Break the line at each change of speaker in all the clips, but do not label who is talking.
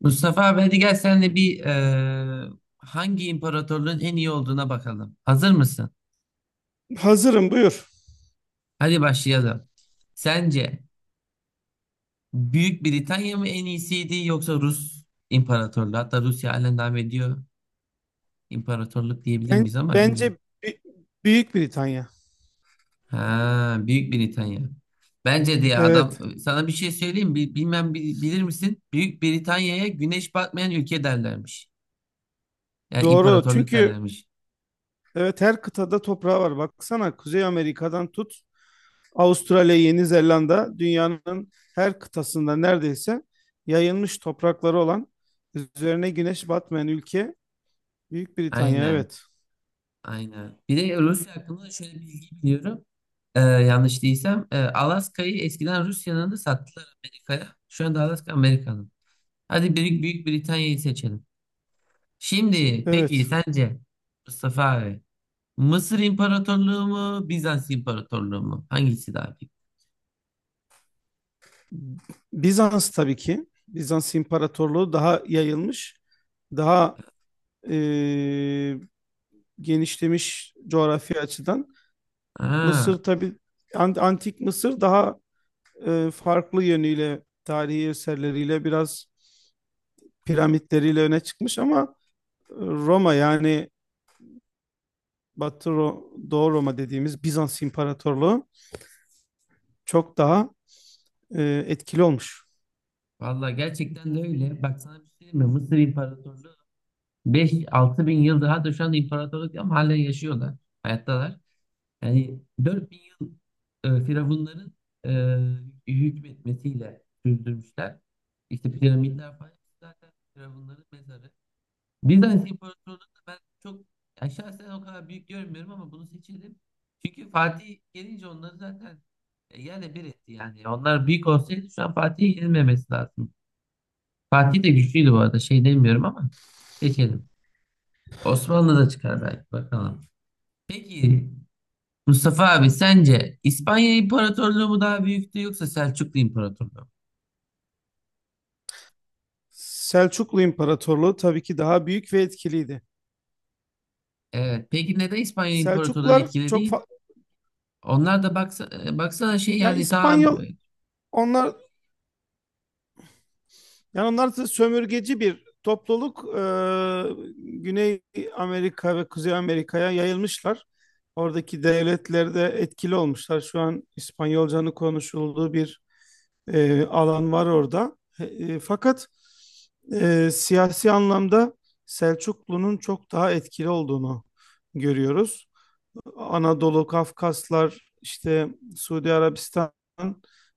Mustafa abi hadi gel senle bir hangi imparatorluğun en iyi olduğuna bakalım. Hazır mısın?
Hazırım buyur.
Hadi başlayalım. Sence Büyük Britanya mı en iyisiydi yoksa Rus İmparatorluğu? Hatta Rusya halen devam ediyor. İmparatorluk diyebilir
Ben,
miyiz ama
bence
bilmiyorum.
Bi- Büyük Britanya.
Ha, Büyük Britanya. Bence de ya adam
Evet
sana bir şey söyleyeyim mi? Bilmem bilir misin? Büyük Britanya'ya güneş batmayan ülke derlermiş. Yani
doğru
imparatorluk
çünkü
derlermiş.
evet her kıtada toprağı var. Baksana Kuzey Amerika'dan tut Avustralya, Yeni Zelanda dünyanın her kıtasında neredeyse yayılmış toprakları olan üzerine güneş batmayan ülke Büyük Britanya
Aynen.
evet.
Aynen. Bir de Rusya hakkında da şöyle bir bilgi biliyorum. Yanlış değilsem, Alaska'yı eskiden Rusya'nın da sattılar Amerika'ya. Şu anda Alaska Amerika'nın. Hadi Büyük Britanya'yı seçelim. Şimdi peki
Evet.
sence Mustafa abi Mısır İmparatorluğu mu Bizans İmparatorluğu mu? Hangisi daha büyük?
Bizans tabii ki. Bizans İmparatorluğu daha yayılmış, daha eee, genişlemiş coğrafi açıdan.
Aa,
Mısır tabii antik Mısır daha farklı yönüyle tarihi eserleriyle biraz piramitleriyle öne çıkmış ama Roma yani Doğu Roma dediğimiz Bizans İmparatorluğu çok daha etkili olmuş.
vallahi gerçekten de öyle. Bak sana bir şey diyeyim mi? Mısır İmparatorluğu 5-6 bin yıl daha da şu anda imparatorluk ama halen yaşıyorlar. Hayattalar. Yani 4000 yıl firavunların hükmetmesiyle sürdürmüşler. İşte piramitler falan zaten firavunların mezarı. Bizans İmparatorluğu'nu da ben çok ya şahsen o kadar büyük görmüyorum ama bunu seçelim. Çünkü Fatih gelince onları zaten yerle bir etti yani. Onlar büyük olsaydı şu an Fatih'e yenilmemesi lazım. Fatih de güçlüydü bu arada şey demiyorum ama seçelim. Osmanlı da çıkar belki bakalım. Peki Mustafa abi sence İspanya İmparatorluğu mu daha büyüktü yoksa Selçuklu İmparatorluğu mu?
Selçuklu İmparatorluğu tabii ki daha büyük ve etkiliydi.
Evet. Peki neden İspanya İmparatorluğu
Selçuklular
etkili
çok
değil?
fa-
Onlar da baksana şey
ya
yani daha
İspanyol onlar Yani onlar da sömürgeci bir topluluk. Güney Amerika ve Kuzey Amerika'ya yayılmışlar. Oradaki devletlerde etkili olmuşlar. Şu an İspanyolcanın konuşulduğu bir alan var orada. Fakat siyasi anlamda Selçuklu'nun çok daha etkili olduğunu görüyoruz. Anadolu, Kafkaslar, işte Suudi Arabistan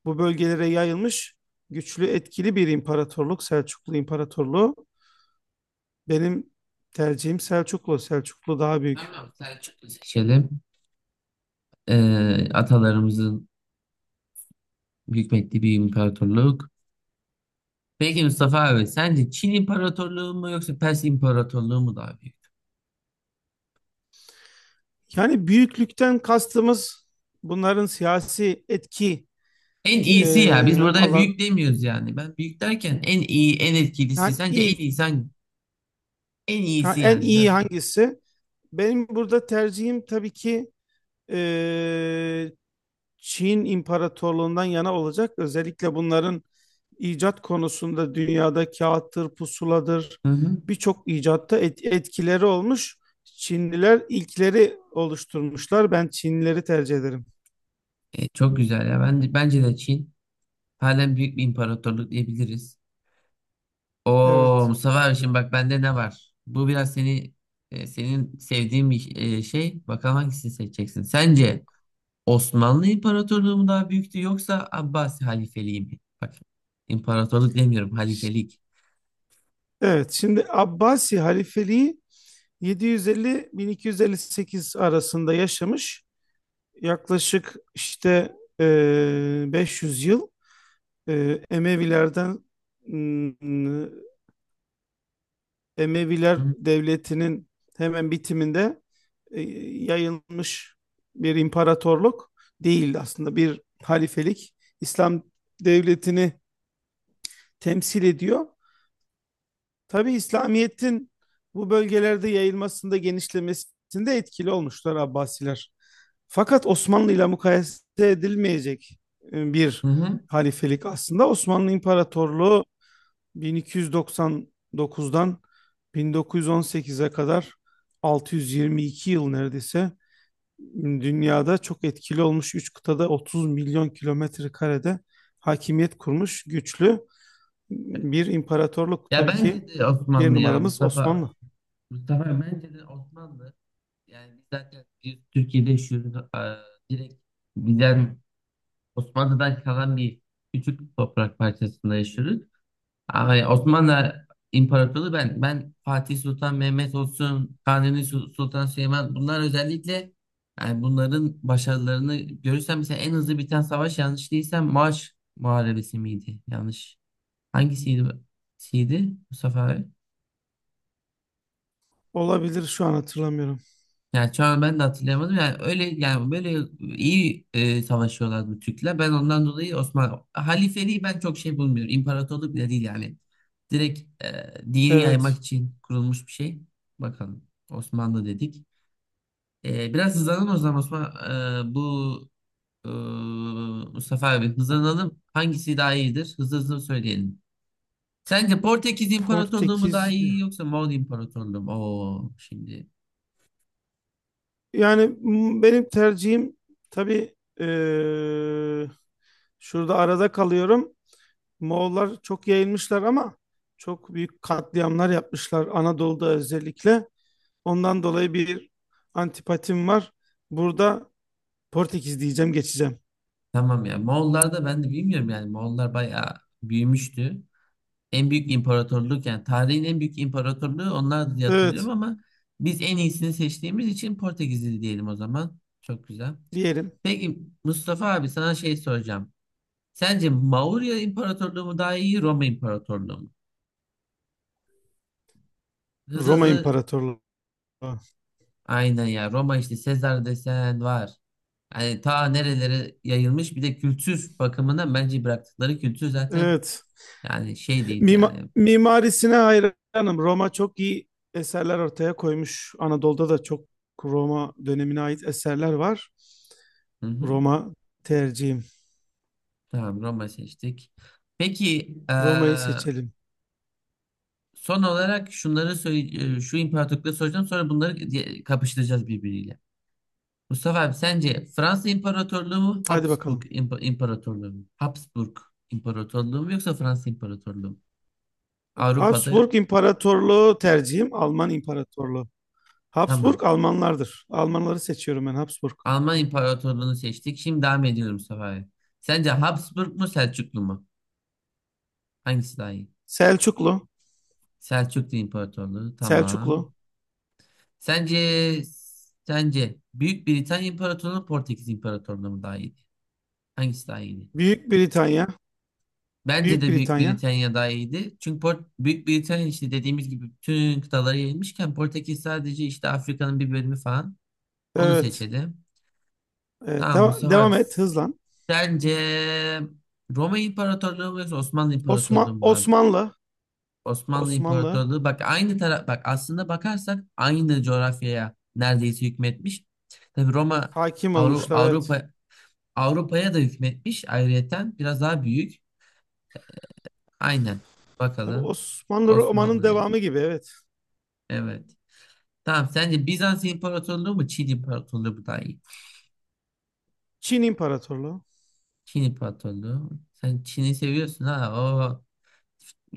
bu bölgelere yayılmış güçlü, etkili bir imparatorluk, Selçuklu İmparatorluğu. Benim tercihim Selçuklu. Selçuklu daha büyük.
tamam Selçuklu seçelim. Atalarımızın hükmettiği bir imparatorluk. Peki Mustafa abi sence Çin İmparatorluğu mu yoksa Pers İmparatorluğu mu daha büyük?
Yani büyüklükten kastımız bunların siyasi etki
En iyisi ya biz burada
alan
büyük demiyoruz yani. Ben büyük derken en iyi en etkilisi
yani
sence en
iyi
iyi sen en iyisi
en
yani
iyi
biraz.
hangisi? Benim burada tercihim tabii ki e, Çin imparatorluğundan yana olacak. Özellikle bunların icat konusunda dünyada kağıttır, pusuladır
Hı hı.
birçok icatta etkileri olmuş. Çinliler ilkleri oluşturmuşlar. Ben Çinlileri tercih ederim.
Çok güzel ya. Bence de Çin halen büyük bir imparatorluk diyebiliriz. Oo
Evet.
Mustafa abi şimdi bak bende ne var? Bu biraz seni senin sevdiğin bir şey. Bakalım hangisini seçeceksin. Sence Osmanlı İmparatorluğu mu daha büyüktü yoksa Abbasi Halifeliği mi? Bak imparatorluk demiyorum
Ş-
halifelik.
Evet, şimdi Abbasi halifeliği 750-1258 arasında yaşamış. Yaklaşık işte 500 yıl Emevilerden m, Emeviler
Hı
Devleti'nin hemen bitiminde e, yayılmış bir imparatorluk değildi aslında bir halifelik. İslam devletini temsil ediyor. Tabi İslamiyet'in bu bölgelerde yayılmasında genişlemesinde etkili olmuşlar Abbasiler. Fakat Osmanlı ile mukayese edilmeyecek bir
hı. Hı.
halifelik aslında. Osmanlı İmparatorluğu 1299'dan 1918'e kadar 622 yıl neredeyse dünyada çok etkili olmuş 3 kıtada 30 milyon kilometre karede hakimiyet kurmuş güçlü bir imparatorluk.
Ya
Tabii ki
bence de
bir
Osmanlı ya
numaramız Osmanlı.
Mustafa. Mustafa bence de Osmanlı. Yani biz zaten Türkiye'de yaşıyoruz. Aa, direkt bizden Osmanlı'dan kalan bir küçük toprak parçasında yaşıyoruz. Ama Osmanlı İmparatorluğu ben Fatih Sultan Mehmet olsun, Sultan Süleyman bunlar özellikle yani bunların başarılarını görürsem mesela en hızlı biten savaş yanlış değilsem Maaş Muharebesi miydi? Yanlış. Hangisiydi? Siydi Mustafa abi?
Olabilir şu an hatırlamıyorum.
Yani şu an ben de hatırlayamadım. Yani öyle yani böyle iyi savaşıyorlardı Türkler. Ben ondan dolayı Osmanlı halifeliği ben çok şey bulmuyorum. İmparatorluk bile değil yani. Direkt dini yaymak
Evet.
için kurulmuş bir şey. Bakalım Osmanlı dedik. Biraz hızlanalım o zaman Osman. E, bu e, Mustafa abi hızlanalım. Hangisi daha iyidir? Hızlı hızlı söyleyelim. Sence Portekiz İmparatorluğu mu
Portekiz.
daha iyi yoksa Moğol İmparatorluğu mu? Oo, şimdi
Yani benim tercihim tabii eee, şurada arada kalıyorum. Moğollar çok yayılmışlar ama çok büyük katliamlar yapmışlar Anadolu'da özellikle. Ondan dolayı bir antipatim var. Burada Portekiz diyeceğim geçeceğim.
Tamam ya. Moğollar da ben de bilmiyorum yani. Moğollar bayağı büyümüştü. En büyük imparatorluk yani tarihin en büyük imparatorluğu onlar diye hatırlıyorum
Evet
ama biz en iyisini seçtiğimiz için Portekizli diyelim o zaman. Çok güzel.
diyelim
Peki Mustafa abi sana şey soracağım. Sence Maurya İmparatorluğu mu daha iyi Roma İmparatorluğu mu? Hızlı
Roma
hızlı
İmparatorluğu.
aynen ya Roma işte Sezar desen var. Yani ta nerelere yayılmış bir de kültür bakımından bence bıraktıkları kültür zaten
Evet
yani şey değil yani.
Mimarisine hayranım. Roma çok iyi eserler ortaya koymuş. Anadolu'da da çok Roma dönemine ait eserler var.
Hı hı.
Roma tercihim.
Tamam Roma seçtik. Peki
Roma'yı
eee,
seçelim.
son olarak şunları söyle, şu imparatorlukları soracağım sonra bunları kapıştıracağız birbiriyle. Mustafa abi sence Fransa İmparatorluğu mu
Hadi
Habsburg
bakalım.
İmparatorluğu mu? Habsburg İmparatorluğu mu yoksa Fransa İmparatorluğu mu? Avrupa'da
Habsburg İmparatorluğu tercihim Alman İmparatorluğu. Habsburg
tamam.
Almanlardır. Almanları seçiyorum ben Habsburg.
Alman İmparatorluğunu seçtik. Şimdi devam ediyorum Mustafa abi. Sence Habsburg mu Selçuklu mu? Hangisi daha iyi?
Selçuklu,
Selçuklu İmparatorluğu tamam.
Selçuklu.
Sence sence Büyük Britanya İmparatorluğu Portekiz İmparatorluğu mu daha iyiydi? Hangisi daha iyiydi?
Büyük Britanya,
Bence
Büyük
de Büyük
Britanya.
Britanya daha iyiydi. Çünkü Büyük Britanya işte dediğimiz gibi bütün kıtalara yayılmışken Portekiz sadece işte Afrika'nın bir bölümü falan. Onu
Evet.
seçelim.
Evet,
Tamam Mustafa abi.
devam et hızlan.
Sence Roma İmparatorluğu mu yoksa Osmanlı İmparatorluğu mu daha?
Osmanlı,
Osmanlı
Osmanlı
İmparatorluğu bak aynı taraf bak aslında bakarsak aynı coğrafyaya neredeyse hükmetmiş. Tabii Roma
hakim
Avru-
olmuşlar evet.
Avrupa Avrupa'ya da hükmetmiş ayrıyeten biraz daha büyük. Aynen.
Tabii
Bakalım.
Osmanlı romanın
Osmanlı dedim.
devamı gibi evet.
Evet. Tamam sence Bizans İmparatorluğu mu Çin İmparatorluğu mu daha iyi?
Çin İmparatorluğu.
Çin İmparatorluğu. Sen Çin'i seviyorsun ha.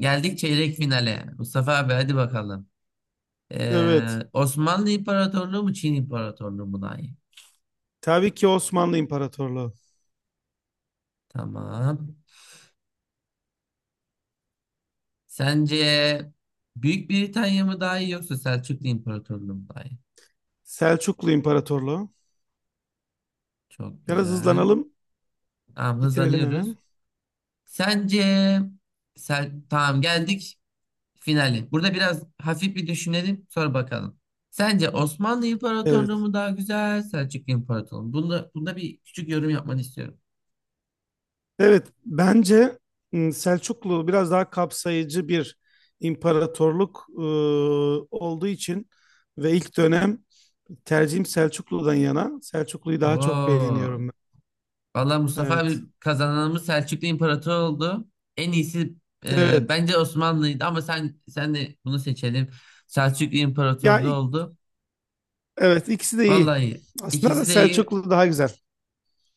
Geldik çeyrek finale. Mustafa abi hadi bakalım.
Evet.
Osmanlı İmparatorluğu mu Çin İmparatorluğu mu daha iyi?
Tabii ki Osmanlı İmparatorluğu.
Tamam. Sence Büyük Britanya mı daha iyi yoksa Selçuklu İmparatorluğu mu daha iyi?
Selçuklu İmparatorluğu.
Çok
Biraz
güzel.
hızlanalım,
Tamam
bitirelim
hızlanıyoruz.
hemen.
Sence sen tamam geldik finale. Burada biraz hafif bir düşünelim sonra bakalım. Sence Osmanlı İmparatorluğu
Evet.
mu daha güzel, Selçuklu İmparatorluğu mu? Bunda bir küçük yorum yapmanı istiyorum.
Evet, bence Selçuklu biraz daha kapsayıcı bir imparatorluk olduğu için ve ilk dönem tercihim Selçuklu'dan yana. Selçuklu'yu daha çok beğeniyorum
Oo.
ben.
Vallahi Mustafa
Evet.
abi kazananımız Selçuklu İmparator oldu. En iyisi
Evet.
bence Osmanlı'ydı ama sen de bunu seçelim. Selçuklu
Ya
İmparatorluğu
ik-
oldu.
evet ikisi de iyi.
Vallahi
Aslında da
ikisi de iyi.
Selçuklu daha güzel.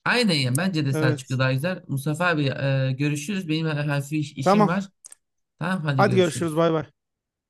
Aynen ya bence de Selçuklu
Evet.
daha güzel. Mustafa abi görüşürüz. Benim hafif işim
Tamam.
var. Tamam hadi
Hadi görüşürüz.
görüşürüz.
Bay bay.